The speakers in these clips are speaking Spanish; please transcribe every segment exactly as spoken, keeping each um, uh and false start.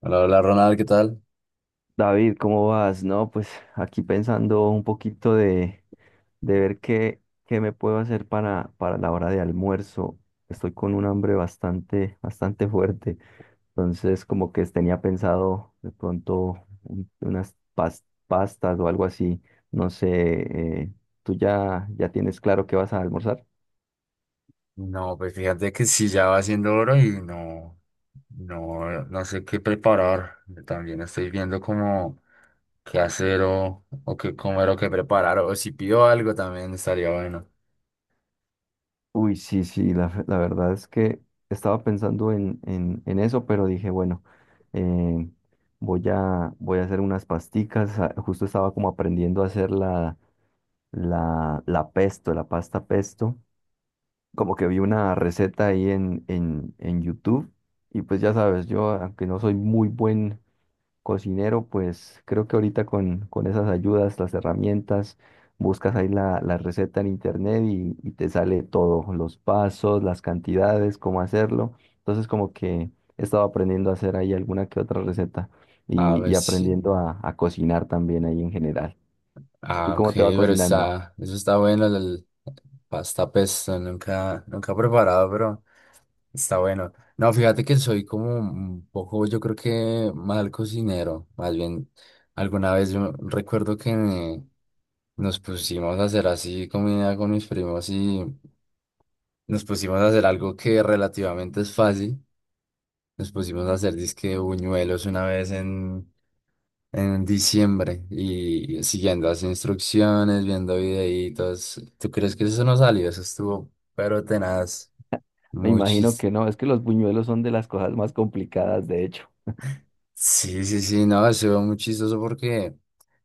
Hola, hola Ronald, ¿qué tal? David, ¿cómo vas? No, pues aquí pensando un poquito de, de ver qué, qué me puedo hacer para, para la hora de almuerzo. Estoy con un hambre bastante, bastante fuerte. Entonces, como que tenía pensado de pronto un- unas pas- pastas o algo así. No sé, eh, ¿tú ya, ya tienes claro qué vas a almorzar? No, pues fíjate que sí, ya va siendo hora y no, no, no sé qué preparar. También estoy viendo como qué hacer o, o qué comer o qué preparar. O si pido algo también estaría bueno. Uy, sí, sí, la, fe- la verdad es que estaba pensando en, en, en eso, pero dije, bueno, eh, voy a, voy a hacer unas pasticas. ah, Justo estaba como aprendiendo a hacer la, la, la pesto, la pasta pesto. Como que vi una receta ahí en, en, en YouTube. Y pues ya sabes, yo, aunque no soy muy buen cocinero, pues creo que ahorita con, con esas ayudas, las herramientas, buscas ahí la, la receta en internet y, y te sale todo, los pasos, las cantidades, cómo hacerlo. Entonces como que he estado aprendiendo a hacer ahí alguna que otra receta A y, ver y si... aprendiendo a, a cocinar también ahí en general. ¿Y Ah, ok, cómo te va pero cocinando? está... Eso está bueno, el el pasta pesto. Nunca, nunca he preparado, pero... Está bueno. No, fíjate que soy como un poco, yo creo que mal cocinero. Más bien, alguna vez yo recuerdo que nos pusimos a hacer así comida con mis primos y nos pusimos a hacer algo que relativamente es fácil. Nos pusimos a hacer disque buñuelos una vez en, en diciembre y siguiendo las instrucciones, viendo videitos. ¿Tú crees que eso no salió? Eso estuvo, pero tenaz, Me muy imagino que chistoso. no, es que los buñuelos son de las cosas más complicadas, de hecho. Sí, sí, sí, no, se ve muy chistoso porque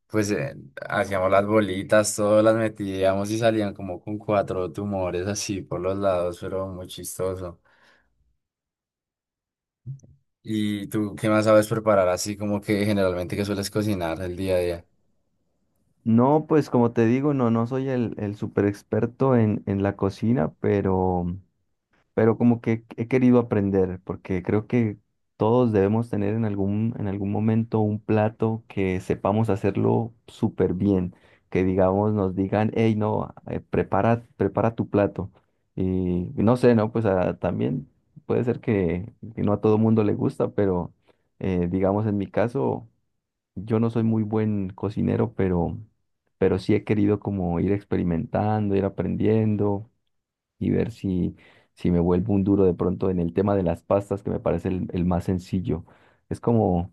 pues eh, hacíamos las bolitas, todas las metíamos y salían como con cuatro tumores así por los lados, pero muy chistoso. ¿Y tú qué más sabes preparar así como que generalmente que sueles cocinar el día a día? No, pues como te digo, no, no soy el, el super experto en, en la cocina, pero pero como que he querido aprender, porque creo que todos debemos tener en algún, en algún momento un plato que sepamos hacerlo súper bien, que digamos, nos digan, hey, no, eh, prepara, prepara tu plato. Y no sé, ¿no? Pues ah, también puede ser que, que no a todo mundo le gusta, pero eh, digamos, en mi caso, yo no soy muy buen cocinero, pero, pero sí he querido como ir experimentando, ir aprendiendo y ver si, si me vuelvo un duro de pronto en el tema de las pastas, que me parece el, el más sencillo. Es como,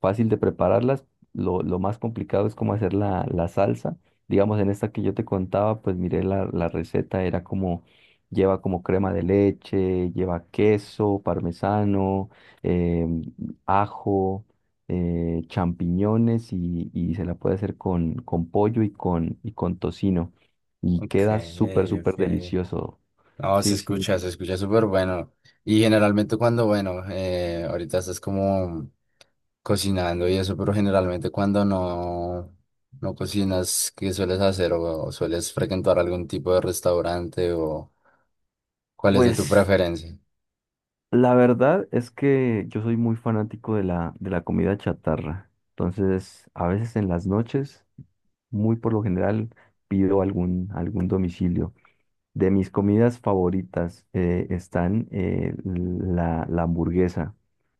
fácil de prepararlas. Lo, lo más complicado es cómo hacer la, la salsa. Digamos, en esta que yo te contaba, pues miré la, la receta, era como, lleva como crema de leche, lleva queso, parmesano, em, ajo, eh, champiñones y, y se la puede hacer con, con pollo y con, y con tocino. Y Ok, queda súper, súper ok. delicioso. No, se Sí, sí. escucha, se escucha súper bueno. Y generalmente cuando, bueno, eh, ahorita estás como cocinando y eso, pero generalmente cuando no, no cocinas, ¿qué sueles hacer? ¿O o sueles frecuentar algún tipo de restaurante? ¿O cuál es de tu Pues preferencia? la verdad es que yo soy muy fanático de la, de la comida chatarra. Entonces, a veces en las noches, muy por lo general, pido algún, algún domicilio. De mis comidas favoritas eh, están eh, la, la hamburguesa.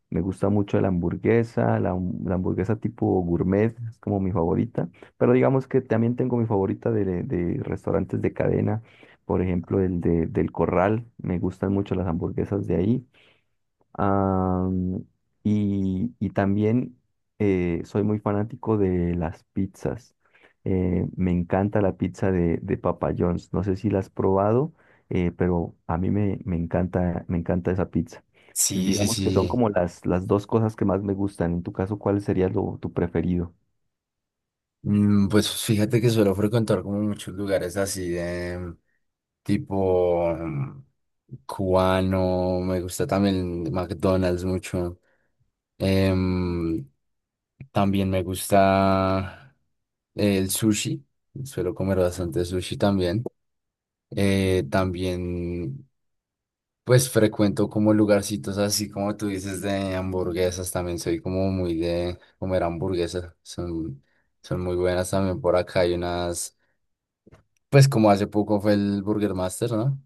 Me gusta mucho la hamburguesa, la, hum- la hamburguesa tipo gourmet, es como mi favorita. Pero digamos que también tengo mi favorita de, de restaurantes de cadena, por ejemplo, el de, del Corral. Me gustan mucho las hamburguesas de ahí. Am, y, y también eh, soy muy fanático de las pizzas. Eh, me encanta la pizza de, de Papa John's. No sé si la has probado, eh, pero a mí me, me encanta, me encanta esa pizza. Sí, sí, Digamos que son sí. como las, las dos cosas que más me gustan. En tu caso, ¿cuál sería lo, tu preferido? Mm, pues fíjate que suelo frecuentar como muchos lugares así de tipo mm, cubano. Me gusta también McDonald's mucho. Em, También me gusta el sushi, suelo comer bastante sushi también. Eh, también, pues frecuento como lugarcitos así como tú dices, de hamburguesas. También soy como muy de comer hamburguesas, son, son muy buenas también por acá, hay unas, pues como hace poco fue el Burger Master, ¿no?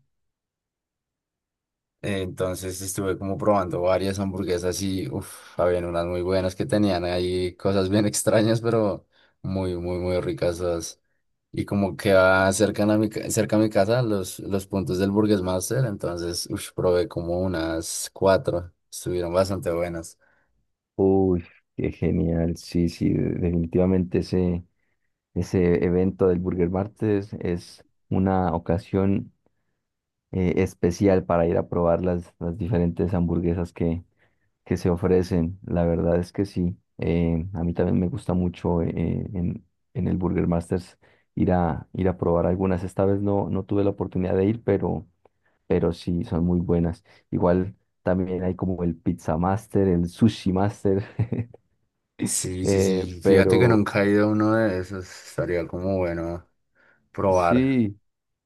Eh, entonces estuve como probando varias hamburguesas y, uff, habían unas muy buenas que tenían ahí cosas bien extrañas, pero muy, muy, muy ricas todas. Y como queda cerca a mi, ca- cerca a mi casa los, los puntos del Burgers Master, entonces ush, probé como unas cuatro, estuvieron bastante buenas. Uy, qué genial. Sí, sí, de- definitivamente ese, ese evento del Burger Martes es una ocasión eh, especial para ir a probar las, las diferentes hamburguesas que, que se ofrecen. La verdad es que sí. Eh, a mí también me gusta mucho eh, eh, en, en el Burger Masters ir a, ir a probar algunas. Esta vez no, no tuve la oportunidad de ir, pero, pero sí, son muy buenas. Igual también hay como el Pizza Master, el Sushi Master, Sí, sí, eh, sí, fíjate que pero, nunca he ido a uno de esos, estaría como bueno probar. sí,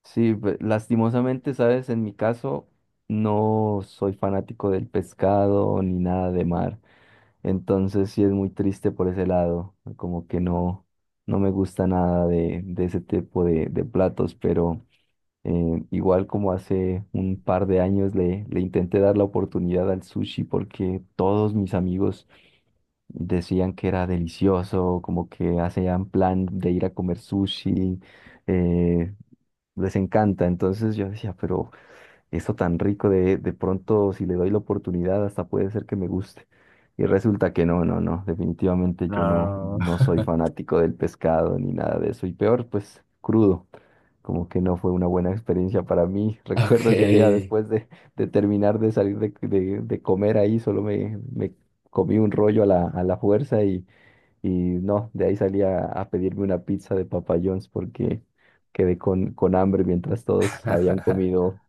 sí, pe- lastimosamente, sabes, en mi caso no soy fanático del pescado ni nada de mar, entonces sí es muy triste por ese lado, como que no, no me gusta nada de, de ese tipo de, de platos, pero eh, igual como hace un par de años le, le intenté dar la oportunidad al sushi porque todos mis amigos decían que era delicioso, como que hacían plan de ir a comer sushi. eh, Les encanta. Entonces yo decía, pero esto tan rico de, de pronto, si le doy la oportunidad, hasta puede ser que me guste. Y resulta que no, no, no, definitivamente yo no, No. no soy fanático del pescado ni nada de eso. Y peor, pues crudo. Como que no fue una buena experiencia para mí. Recuerdo ese día Okay. después de, de terminar de salir de, de- de comer ahí, solo me, me comí un rollo a la, a la fuerza y y no, de ahí salí a, a pedirme una pizza de Papa John's porque quedé con, con hambre mientras todos habían comido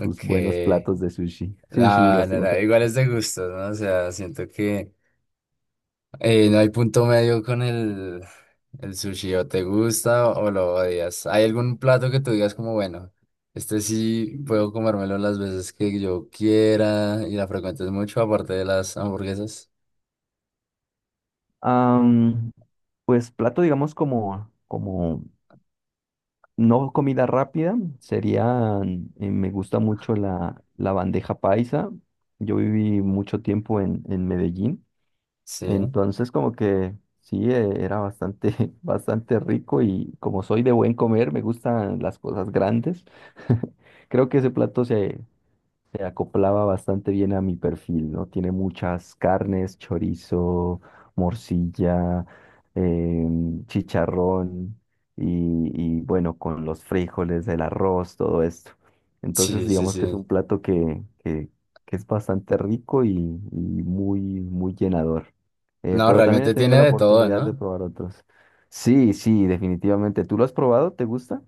sus buenos platos de sushi. Sí, sí, No, no, no, igual lastimosamente. es de gustos, ¿no? O sea, siento que... Eh, no hay punto medio con el, el sushi, o te gusta o lo odias. ¿Hay algún plato que tú digas como, bueno, este sí puedo comérmelo las veces que yo quiera y la frecuentes mucho, aparte de las hamburguesas? Am, pues plato, digamos, como, como no comida rápida, sería, me gusta mucho la, la bandeja paisa. Yo viví mucho tiempo en, en Medellín. Sí, Entonces, como que sí, eh, era bastante, bastante rico y como soy de buen comer, me gustan las cosas grandes. Creo que ese plato se, se acoplaba bastante bien a mi perfil, ¿no? Tiene muchas carnes, chorizo, morcilla, em, chicharrón y, y, bueno, con los frijoles, el arroz, todo esto. Entonces, sí, sí, digamos que es sí. un plato que, que- que es bastante rico y, y muy, muy llenador. Eh, No, pero también he realmente tenido tiene la de todo, oportunidad de ¿no? probar otros. Sí, sí, definitivamente. ¿Tú lo has probado? ¿Te gusta?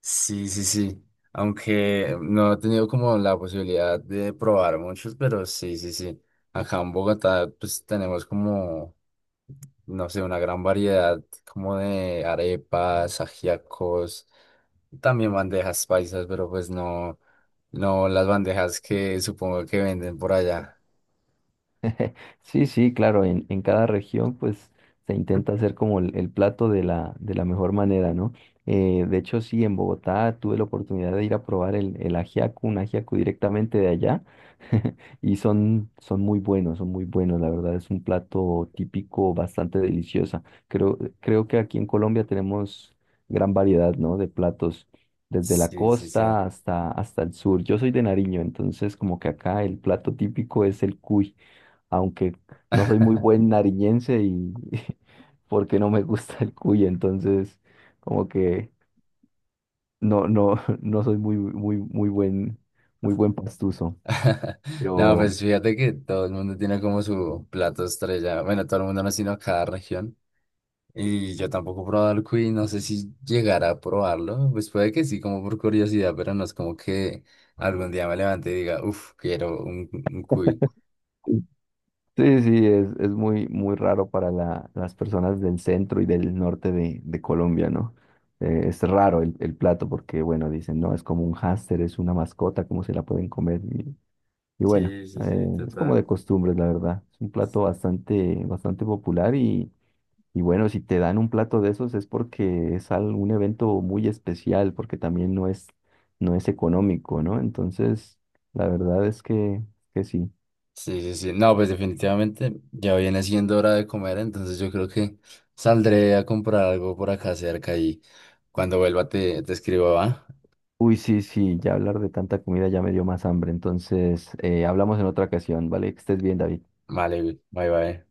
Sí, sí, sí. Aunque no he tenido como la posibilidad de probar muchos, pero sí, sí, sí. Acá en Bogotá, pues tenemos como, no sé, una gran variedad como de arepas, ajíacos, también bandejas paisas, pero pues no, no las bandejas que supongo que venden por allá. Sí, sí, claro, en, en cada región pues se intenta hacer como el, el plato de la, de la mejor manera, ¿no? Eh, de hecho, sí, en Bogotá tuve la oportunidad de ir a probar el, el ajiaco, un ajiaco directamente de allá, y son, son muy buenos, son muy buenos, la verdad es un plato típico bastante delicioso. Creo, creo que aquí en Colombia tenemos gran variedad, ¿no? De platos, desde la Sí, sí, sí. costa hasta, hasta el sur. Yo soy de Nariño, entonces como que acá el plato típico es el cuy, aunque no soy muy buen nariñense y porque no me gusta el cuy, entonces como que no, no, no soy muy, muy, muy buen, muy buen pastuso. No, Pero pues fíjate que todo el mundo tiene como su plato estrella. Bueno, todo el mundo no, sino cada región. Y yo tampoco he probado el cuy, no sé si llegará a probarlo. Pues puede que sí, como por curiosidad, pero no es como que algún día me levante y diga, uff, quiero un, un cuy. sí, sí, es, es muy, muy raro para la- las personas del centro y del norte de, de Colombia, ¿no? Eh, es raro el, el plato porque, bueno, dicen, no, es como un hámster, es una mascota, ¿cómo se la pueden comer? Y, y bueno, Sí, sí, sí, eh, es como total. de costumbre, la verdad. Es un plato bastante, bastante popular. Y bueno, si te dan un plato de esos es porque es algún evento muy especial, porque también no es, no es económico, ¿no? Entonces, la verdad es que, que sí. Sí, sí, sí. No, pues definitivamente ya viene siendo hora de comer, entonces yo creo que saldré a comprar algo por acá cerca y cuando vuelva te, te escribo, ¿va? Uy, sí, sí, ya hablar de tanta comida ya me dio más hambre. Entonces, eh, hablamos en otra ocasión, ¿vale? Que estés bien, David. Vale, bye bye.